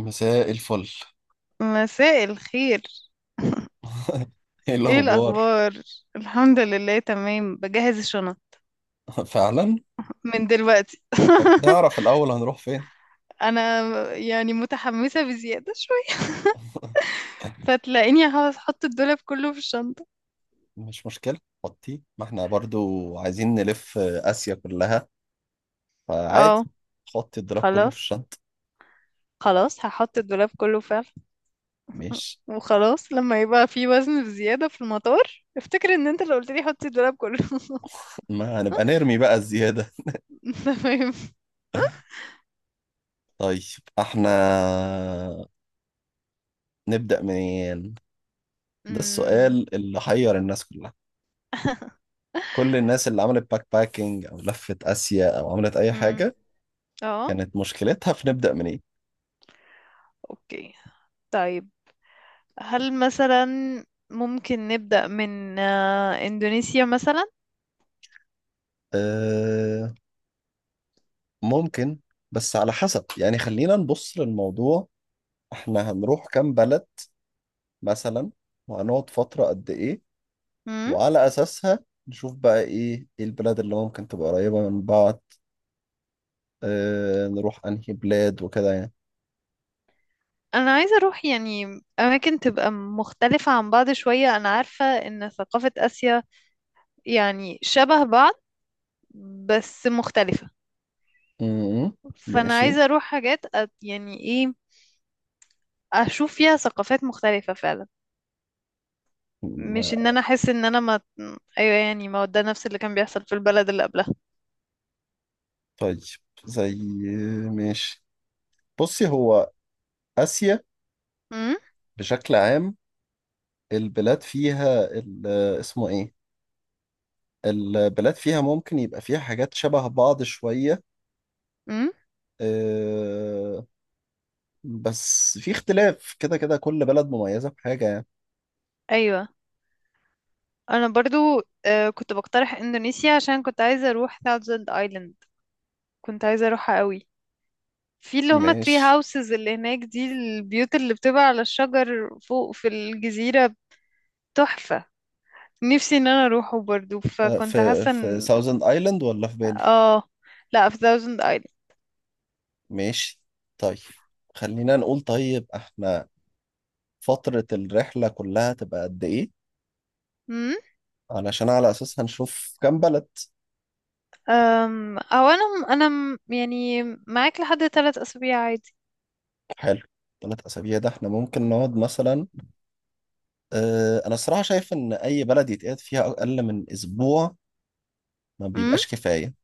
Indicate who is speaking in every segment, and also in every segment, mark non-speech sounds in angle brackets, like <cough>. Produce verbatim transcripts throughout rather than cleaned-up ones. Speaker 1: مساء الفل.
Speaker 2: مساء الخير.
Speaker 1: <laughs> ايه
Speaker 2: ايه
Speaker 1: الاخبار؟
Speaker 2: الاخبار؟ الحمد لله، تمام، بجهز الشنط
Speaker 1: <laughs> فعلا.
Speaker 2: من دلوقتي.
Speaker 1: طب
Speaker 2: <laughs>
Speaker 1: نعرف الاول هنروح فين؟
Speaker 2: انا يعني متحمسه بزياده شويه.
Speaker 1: <laughs>
Speaker 2: فتلاقيني هخ- هحط الدولاب كله في الشنطه.
Speaker 1: مش مشكله. خطي ما احنا برضو عايزين نلف اسيا كلها، فعادي.
Speaker 2: اه.
Speaker 1: خط الدراب كله في
Speaker 2: خلاص
Speaker 1: الشنطه.
Speaker 2: خلاص هحط الدولاب كله فعلا.
Speaker 1: مش.
Speaker 2: وخلاص، لما يبقى في وزن بزياده في المطار افتكر ان انت اللي قلت لي حطي الدولاب كله.
Speaker 1: ما هنبقى نرمي بقى الزياده.
Speaker 2: <laughs> تمام.
Speaker 1: طيب احنا نبدا منين؟ ده
Speaker 2: أمم،
Speaker 1: السؤال اللي حير الناس كلها. كل الناس اللي عملت باك باكينج او لفت اسيا او عملت اي
Speaker 2: أمم.
Speaker 1: حاجه
Speaker 2: <laughs> اه.
Speaker 1: كانت مشكلتها في نبدا منين.
Speaker 2: اوكي، طيب. هل مثلا ممكن نبدأ من آه، إندونيسيا مثلا؟
Speaker 1: آه، ممكن، بس على حسب يعني خلينا نبص للموضوع. احنا هنروح كام بلد مثلا؟ وهنقعد فترة قد ايه؟
Speaker 2: مم.
Speaker 1: وعلى اساسها نشوف بقى ايه ايه البلاد اللي ممكن تبقى قريبة من بعض. اه نروح انهي بلاد وكده يعني.
Speaker 2: أنا عايزة أروح يعني أماكن تبقى مختلفة عن بعض شوية. أنا عارفة إن ثقافة آسيا يعني شبه بعض، بس مختلفة.
Speaker 1: امم.
Speaker 2: فأنا
Speaker 1: ماشي.
Speaker 2: عايزة أروح حاجات أت- يعني إيه، أشوف فيها ثقافات مختلفة فعلا. مش إن
Speaker 1: ما-
Speaker 2: أنا أحس إن أنا ما. أيوة، يعني ما هو ده نفس اللي كان بيحصل في البلد اللي قبلها.
Speaker 1: طيب زي ماشي بصي هو اسيا
Speaker 2: مم.
Speaker 1: بشكل عام، البلاد فيها ال- اسمه ايه؟ البلاد فيها ممكن يبقى فيها حاجات شبه بعض شوية.
Speaker 2: مم.
Speaker 1: آه، بس في اختلاف كده كده كل بلد مميزة بحاجة يعني.
Speaker 2: أيوة. انا برضو آه، كنت بقترح اندونيسيا عشان كنت عايزه اروح ثاوزند ايلاند. كنت عايزه اروحها قوي. في اللي هما تري
Speaker 1: ماشي.
Speaker 2: هاوسز اللي هناك، دي البيوت اللي بتبقى على الشجر فوق في الجزيره. تحفه. نفسي ان انا اروحه برضو،
Speaker 1: آه،
Speaker 2: فكنت
Speaker 1: في
Speaker 2: حاسه
Speaker 1: في
Speaker 2: ان
Speaker 1: ساوزند ايلاند ولا في بالي؟
Speaker 2: اه، لا في ثاوزند ايلاند.
Speaker 1: ماشي. طيب خلينا نقول، طيب احنا فترة الرحلة كلها تبقى قد ايه؟
Speaker 2: امم.
Speaker 1: علشان على اساس هنشوف كام بلد.
Speaker 2: أم، او انا انا م- يعني معاك لحد ثلاث اسابيع عادي.
Speaker 1: حلو. ثلاث اسابيع ده احنا ممكن نقعد مثلا. اه انا الصراحة شايف ان اي بلد يتقعد فيها اقل من اسبوع ما
Speaker 2: امم.
Speaker 1: بيبقاش كفاية.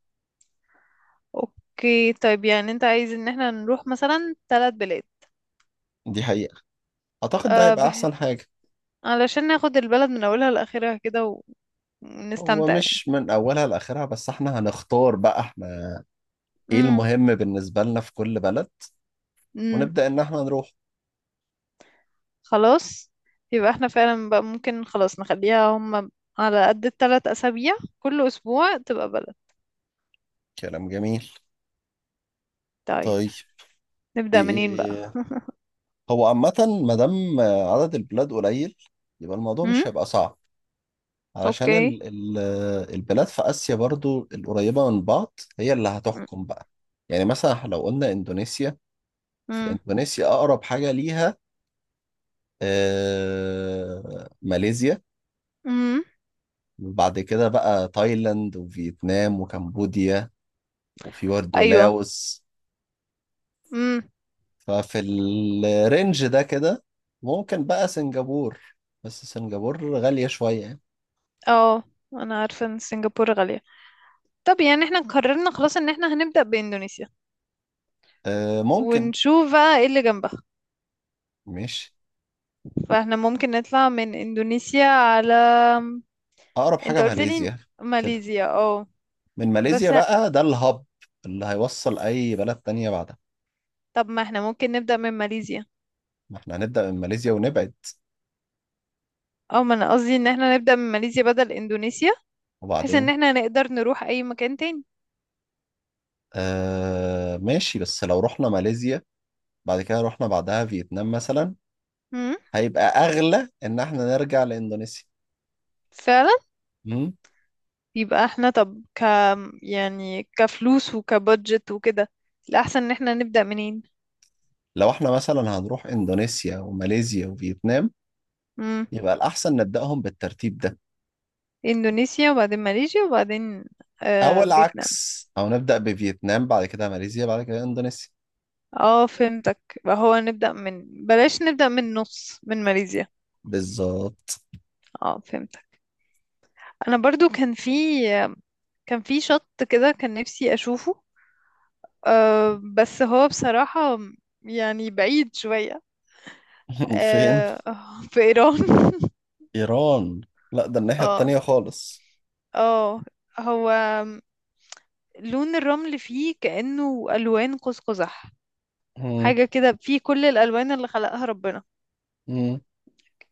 Speaker 2: اوكي طيب، يعني انت عايز ان احنا نروح مثلا ثلاث بلاد؟
Speaker 1: دي حقيقة. اعتقد ده
Speaker 2: أه
Speaker 1: هيبقى
Speaker 2: بح-
Speaker 1: احسن حاجة.
Speaker 2: علشان ناخد البلد من اولها لاخرها كده، و-
Speaker 1: هو
Speaker 2: ونستمتع يعني.
Speaker 1: مش من اولها لاخرها، بس احنا هنختار بقى احنا ايه
Speaker 2: امم.
Speaker 1: المهم بالنسبة لنا في كل بلد
Speaker 2: امم.
Speaker 1: ونبدأ ان احنا نروح.
Speaker 2: خلاص، يبقى احنا فعلا بقى ممكن خلاص نخليها هم على قد الثلاث اسابيع، كل اسبوع تبقى بلد.
Speaker 1: كلام جميل.
Speaker 2: طيب،
Speaker 1: طيب.
Speaker 2: نبدأ منين بقى؟
Speaker 1: إيه.
Speaker 2: <laughs>
Speaker 1: هو عامة، ما دام عدد البلاد قليل يبقى الموضوع
Speaker 2: امم.
Speaker 1: مش هيبقى صعب. علشان
Speaker 2: اوكي.
Speaker 1: ال ال البلاد في آسيا برضو القريبة من بعض هي اللي هتحكم بقى. يعني مثلا إحنا لو قلنا اندونيسيا،
Speaker 2: امم.
Speaker 1: فاندونيسيا اقرب حاجة ليها آه ماليزيا.
Speaker 2: امم.
Speaker 1: وبعد كده بقى تايلاند وفيتنام وكمبوديا، وفي برضه
Speaker 2: ايوه.
Speaker 1: لاوس.
Speaker 2: امم.
Speaker 1: ففي الرينج ده كده ممكن بقى سنغافور، بس سنغافور غالية شوية يعني.
Speaker 2: اه، انا عارفه ان سنغافوره غاليه. طب يعني احنا قررنا خلاص ان احنا هنبدأ باندونيسيا،
Speaker 1: أه ممكن.
Speaker 2: ونشوف بقى ايه اللي جنبها.
Speaker 1: ماشي.
Speaker 2: فاحنا ممكن نطلع من اندونيسيا على،
Speaker 1: أقرب
Speaker 2: انت
Speaker 1: حاجة
Speaker 2: قلت لي
Speaker 1: ماليزيا كده.
Speaker 2: ماليزيا، اه.
Speaker 1: من ماليزيا
Speaker 2: بس
Speaker 1: بقى ده الهب اللي هيوصل أي بلد تانية بعدها.
Speaker 2: طب ما احنا ممكن نبدأ من ماليزيا.
Speaker 1: ما احنا هنبدأ من ماليزيا ونبعد.
Speaker 2: اه، ما انا قصدي ان احنا نبدأ من ماليزيا بدل اندونيسيا، بحيث ان
Speaker 1: وبعدين
Speaker 2: احنا نقدر نروح اي مكان تاني.
Speaker 1: أه ماشي، بس لو رحنا ماليزيا بعد كده رحنا بعدها فيتنام مثلا،
Speaker 2: امم.
Speaker 1: هيبقى أغلى إن احنا نرجع لإندونيسيا.
Speaker 2: فعلا.
Speaker 1: مم؟
Speaker 2: يبقى احنا، طب ك يعني كفلوس وكبادجت وكده، الاحسن ان احنا نبدأ منين.
Speaker 1: لو احنا مثلا هنروح إندونيسيا وماليزيا وفيتنام
Speaker 2: امم.
Speaker 1: يبقى الأحسن نبدأهم بالترتيب ده.
Speaker 2: اندونيسيا وبعدين ماليزيا وبعدين
Speaker 1: أو
Speaker 2: آه فيتنام.
Speaker 1: العكس، أو نبدأ بفيتنام بعد كده ماليزيا بعد كده إندونيسيا.
Speaker 2: اه فهمتك. يبقى هو نبدأ من بلاش نبدأ من نص من ماليزيا.
Speaker 1: بالظبط.
Speaker 2: اه فهمتك. انا برضو كان في كان في شط كده، كان نفسي اشوفه. أه بس هو بصراحة يعني بعيد شوية.
Speaker 1: <laughs> فين؟
Speaker 2: أه. <laughs> في ايران. <laughs>
Speaker 1: إيران. لا ده الناحية
Speaker 2: اه.
Speaker 1: التانية خالص.
Speaker 2: اه. هو لون الرمل فيه كأنه الوان قوس قزح،
Speaker 1: مم.
Speaker 2: حاجة كده فيه كل الالوان اللي خلقها ربنا.
Speaker 1: مم.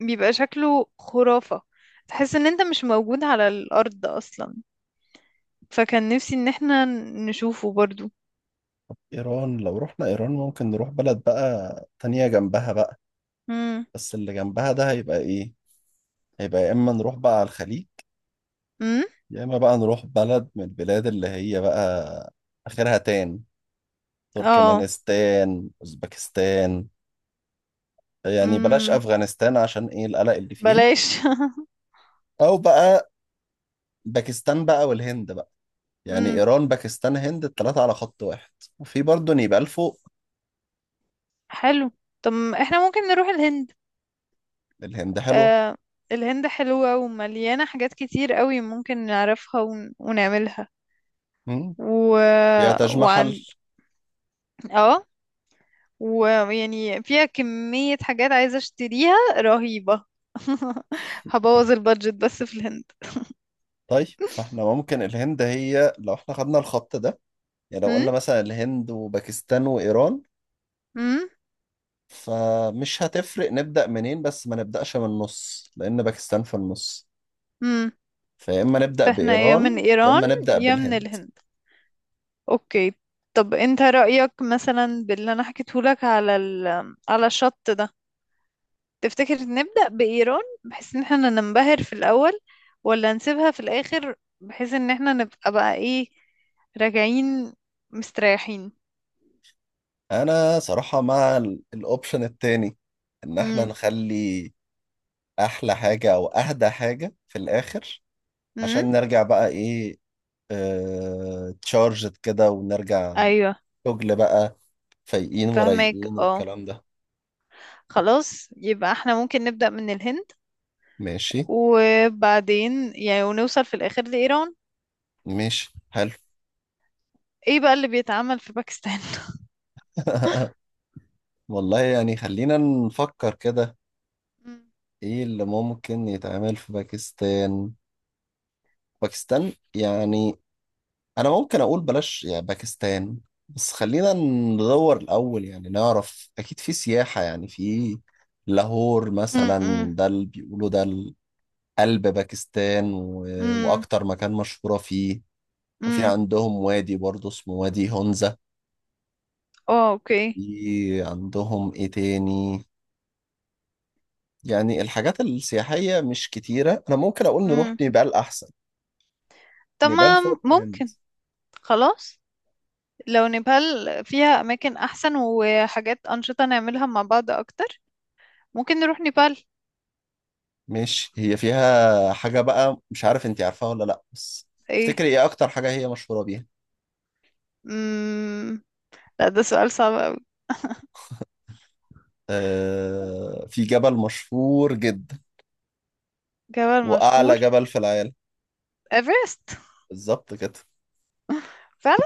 Speaker 2: بيبقى شكله خرافة، تحس ان انت مش موجود على الارض اصلا. فكان نفسي ان احنا نشوفه برضو.
Speaker 1: إيران لو رحنا إيران ممكن نروح بلد بقى تانية جنبها بقى.
Speaker 2: امم.
Speaker 1: بس اللي جنبها ده هيبقى إيه؟ هيبقى يا إما نروح بقى على الخليج،
Speaker 2: امم.
Speaker 1: يا إما بقى نروح بلد من البلاد اللي هي بقى آخرها تان
Speaker 2: اه.
Speaker 1: تركمانستان أوزبكستان. يعني بلاش
Speaker 2: امم.
Speaker 1: افغانستان عشان ايه القلق اللي فيها.
Speaker 2: بلاش. <laughs>
Speaker 1: او بقى باكستان بقى والهند بقى. يعني
Speaker 2: امم.
Speaker 1: ايران باكستان هند الثلاثه على خط واحد. وفي برضه نيبال فوق.
Speaker 2: حلو، طب احنا ممكن نروح الهند.
Speaker 1: الهند حلوه.
Speaker 2: آه، الهند حلوة ومليانة حاجات كتير قوي ممكن نعرفها ون... ونعملها.
Speaker 1: مم.
Speaker 2: و...
Speaker 1: فيها تاج محل.
Speaker 2: وعن اه، ويعني فيها كمية حاجات عايزة اشتريها رهيبة. <laughs> هبوظ البادجت بس في الهند.
Speaker 1: طيب فاحنا ممكن الهند هي لو احنا خدنا الخط ده، يعني لو
Speaker 2: امم.
Speaker 1: قلنا مثلا الهند وباكستان وايران
Speaker 2: امم.
Speaker 1: فمش هتفرق نبدأ منين، بس ما نبدأش من النص لأن باكستان في النص.
Speaker 2: امم.
Speaker 1: فيا إما نبدأ
Speaker 2: فاحنا يا من
Speaker 1: بإيران يا
Speaker 2: ايران
Speaker 1: إما نبدأ
Speaker 2: يا من
Speaker 1: بالهند.
Speaker 2: الهند. اوكي. طب انت رأيك مثلا باللي انا حكيتهولك على ال... على الشط ده؟ تفتكر نبدأ بإيران بحيث ان احنا ننبهر في الأول، ولا نسيبها في الآخر بحيث ان احنا نبقى بقى ايه، راجعين مستريحين.
Speaker 1: انا صراحة مع ال- الاوبشن التاني، ان احنا
Speaker 2: امم.
Speaker 1: نخلي احلى حاجة او اهدى حاجة في الاخر
Speaker 2: امم.
Speaker 1: عشان نرجع بقى ايه، اه تشارجد كده ونرجع
Speaker 2: ايوه
Speaker 1: شغل بقى، فايقين
Speaker 2: فهمك،
Speaker 1: ورايقين
Speaker 2: اه.
Speaker 1: والكلام ده.
Speaker 2: خلاص يبقى احنا ممكن نبدأ من الهند،
Speaker 1: ماشي.
Speaker 2: وبعدين يعني ونوصل في الآخر لإيران.
Speaker 1: ماشي حلو.
Speaker 2: ايه بقى اللي بيتعمل في باكستان؟
Speaker 1: <laughs> والله يعني خلينا نفكر كده.
Speaker 2: مم.
Speaker 1: ايه اللي ممكن يتعمل في باكستان؟ باكستان يعني انا ممكن اقول بلاش يعني باكستان، بس خلينا ندور الاول يعني نعرف اكيد في سياحة، يعني في لاهور
Speaker 2: <laughs> مم. مم.
Speaker 1: مثلا، ده اللي بيقولوا ده قلب باكستان و...
Speaker 2: مم.
Speaker 1: واكتر مكان مشهورة فيه. وفي
Speaker 2: مم.
Speaker 1: عندهم وادي برضه اسمه وادي هونزا.
Speaker 2: اه اوكي.
Speaker 1: في عندهم ايه تاني؟ يعني الحاجات السياحية مش كتيرة، انا ممكن اقول نروح
Speaker 2: مم.
Speaker 1: نيبال احسن. نيبال
Speaker 2: تمام
Speaker 1: فوق.
Speaker 2: ممكن. خلاص، لو نيبال فيها أماكن أحسن وحاجات أنشطة نعملها مع بعض أكتر، ممكن نروح نيبال.
Speaker 1: ماشي هي فيها حاجة بقى مش عارف انتي عارفاها ولا لأ، بس
Speaker 2: إيه؟
Speaker 1: تفتكري ايه أكتر حاجة هي مشهورة بيها؟
Speaker 2: مم... لا، ده سؤال صعب أوي.
Speaker 1: آه في جبل مشهور جدا،
Speaker 2: جبل مشهور.
Speaker 1: وأعلى جبل في العالم.
Speaker 2: إيفرست.
Speaker 1: بالظبط كده.
Speaker 2: فعلا.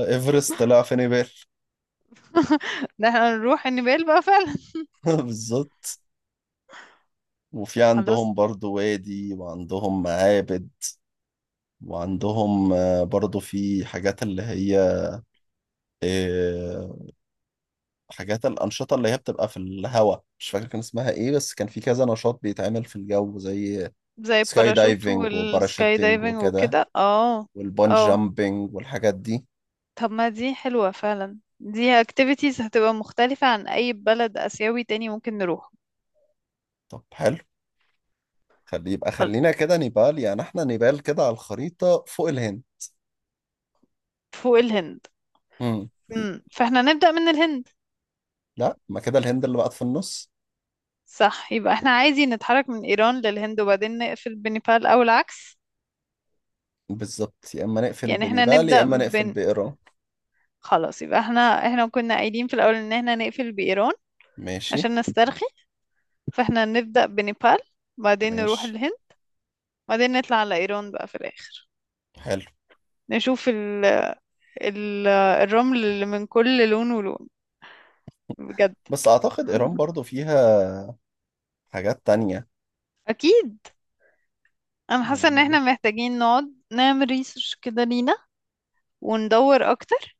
Speaker 1: إيفرست طلع في نيبال.
Speaker 2: <laughs> ده احنا نروح نيبال بقى فعلا.
Speaker 1: <laughs> بالظبط. وفي
Speaker 2: خلاص.
Speaker 1: عندهم برضو وادي وعندهم معابد. وعندهم آه، برضو في حاجات اللي هي آه، حاجات الأنشطة اللي هي بتبقى في الهواء، مش فاكر كان اسمها ايه، بس كان في كذا نشاط بيتعمل في الجو، زي
Speaker 2: زي
Speaker 1: سكاي
Speaker 2: الباراشوت
Speaker 1: دايفنج
Speaker 2: والسكاي
Speaker 1: وباراشوتنج
Speaker 2: دايفنج
Speaker 1: وكده،
Speaker 2: وكده، اه.
Speaker 1: والبونج
Speaker 2: اه،
Speaker 1: جامبنج والحاجات دي.
Speaker 2: طب ما دي حلوة فعلا، دي activities هتبقى مختلفة عن أي بلد آسيوي تاني ممكن نروح.
Speaker 1: طب حلو. خلي يبقى
Speaker 2: خل-
Speaker 1: خلينا كده نيبال. يعني احنا نيبال كده على الخريطة فوق الهند.
Speaker 2: فوق الهند.
Speaker 1: امم.
Speaker 2: مم. فاحنا نبدأ من الهند.
Speaker 1: لا ما كده الهند اللي بقت في النص.
Speaker 2: صح، يبقى احنا عادي نتحرك من ايران للهند وبعدين نقفل بنيبال او العكس.
Speaker 1: بالظبط يا اما نقفل
Speaker 2: يعني احنا
Speaker 1: بنيبال يا
Speaker 2: نبدأ
Speaker 1: اما نقفل
Speaker 2: بن
Speaker 1: بايران.
Speaker 2: خلاص يبقى احنا احنا كنا قايلين في الاول ان احنا نقفل بايران
Speaker 1: ماشي.
Speaker 2: عشان نسترخي. فاحنا نبدأ بنيبال، بعدين نروح
Speaker 1: ماشي
Speaker 2: الهند، بعدين نطلع على ايران بقى في الاخر.
Speaker 1: حلو.
Speaker 2: نشوف ال... ال... الرمل اللي من كل لون ولون، بجد.
Speaker 1: بس اعتقد ايران برضو فيها حاجات تانية
Speaker 2: اكيد. انا حاسة ان
Speaker 1: يعني.
Speaker 2: احنا محتاجين نقعد نعمل ريسيرش كده لينا، وندور اكتر.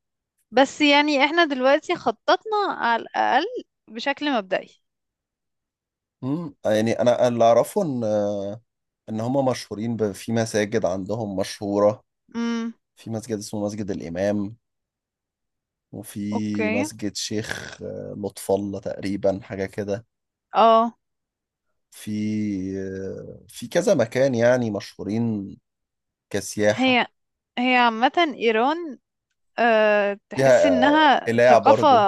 Speaker 2: بس يعني احنا دلوقتي خططنا على الأقل بشكل مبدئي.
Speaker 1: امم يعني انا اللي اعرفه ان ان هم مشهورين ب- في مساجد عندهم مشهورة.
Speaker 2: امم.
Speaker 1: في مسجد اسمه مسجد الامام، وفي
Speaker 2: اوكي.
Speaker 1: مسجد شيخ آه، لطف الله تقريبا حاجة كده.
Speaker 2: اه.
Speaker 1: في آه، في كذا مكان يعني مشهورين كسياحة.
Speaker 2: هي هي عامة ايران، أه تحس
Speaker 1: فيها آه،
Speaker 2: انها
Speaker 1: قلاع
Speaker 2: ثقافة.
Speaker 1: برضو.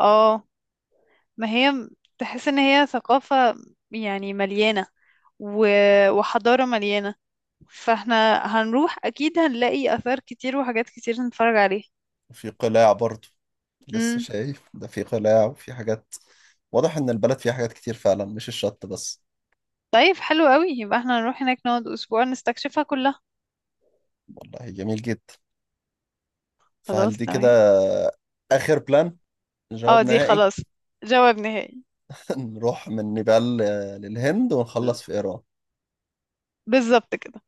Speaker 2: اه، ما هي م- تحس ان هي ثقافة، يعني مليانة، و... وحضارة مليانة. فاحنا هنروح اكيد هنلاقي اثار كتير وحاجات كتير نتفرج عليها.
Speaker 1: وفي قلاع برضو لسه
Speaker 2: امم.
Speaker 1: شايف ده، في قلاع وفي حاجات. واضح إن البلد فيها حاجات كتير فعلا مش الشط بس.
Speaker 2: طيب حلو قوي، يبقى احنا هنروح هناك نقعد اسبوع نستكشفها كلها.
Speaker 1: والله جميل جدا. فهل
Speaker 2: خلاص
Speaker 1: دي كده
Speaker 2: تمام.
Speaker 1: آخر بلان؟ جواب
Speaker 2: اه، دي
Speaker 1: نهائي.
Speaker 2: خلاص. جواب نهائي.
Speaker 1: <laughs> نروح من نيبال آه، للهند ونخلص في إيران.
Speaker 2: بالظبط كده.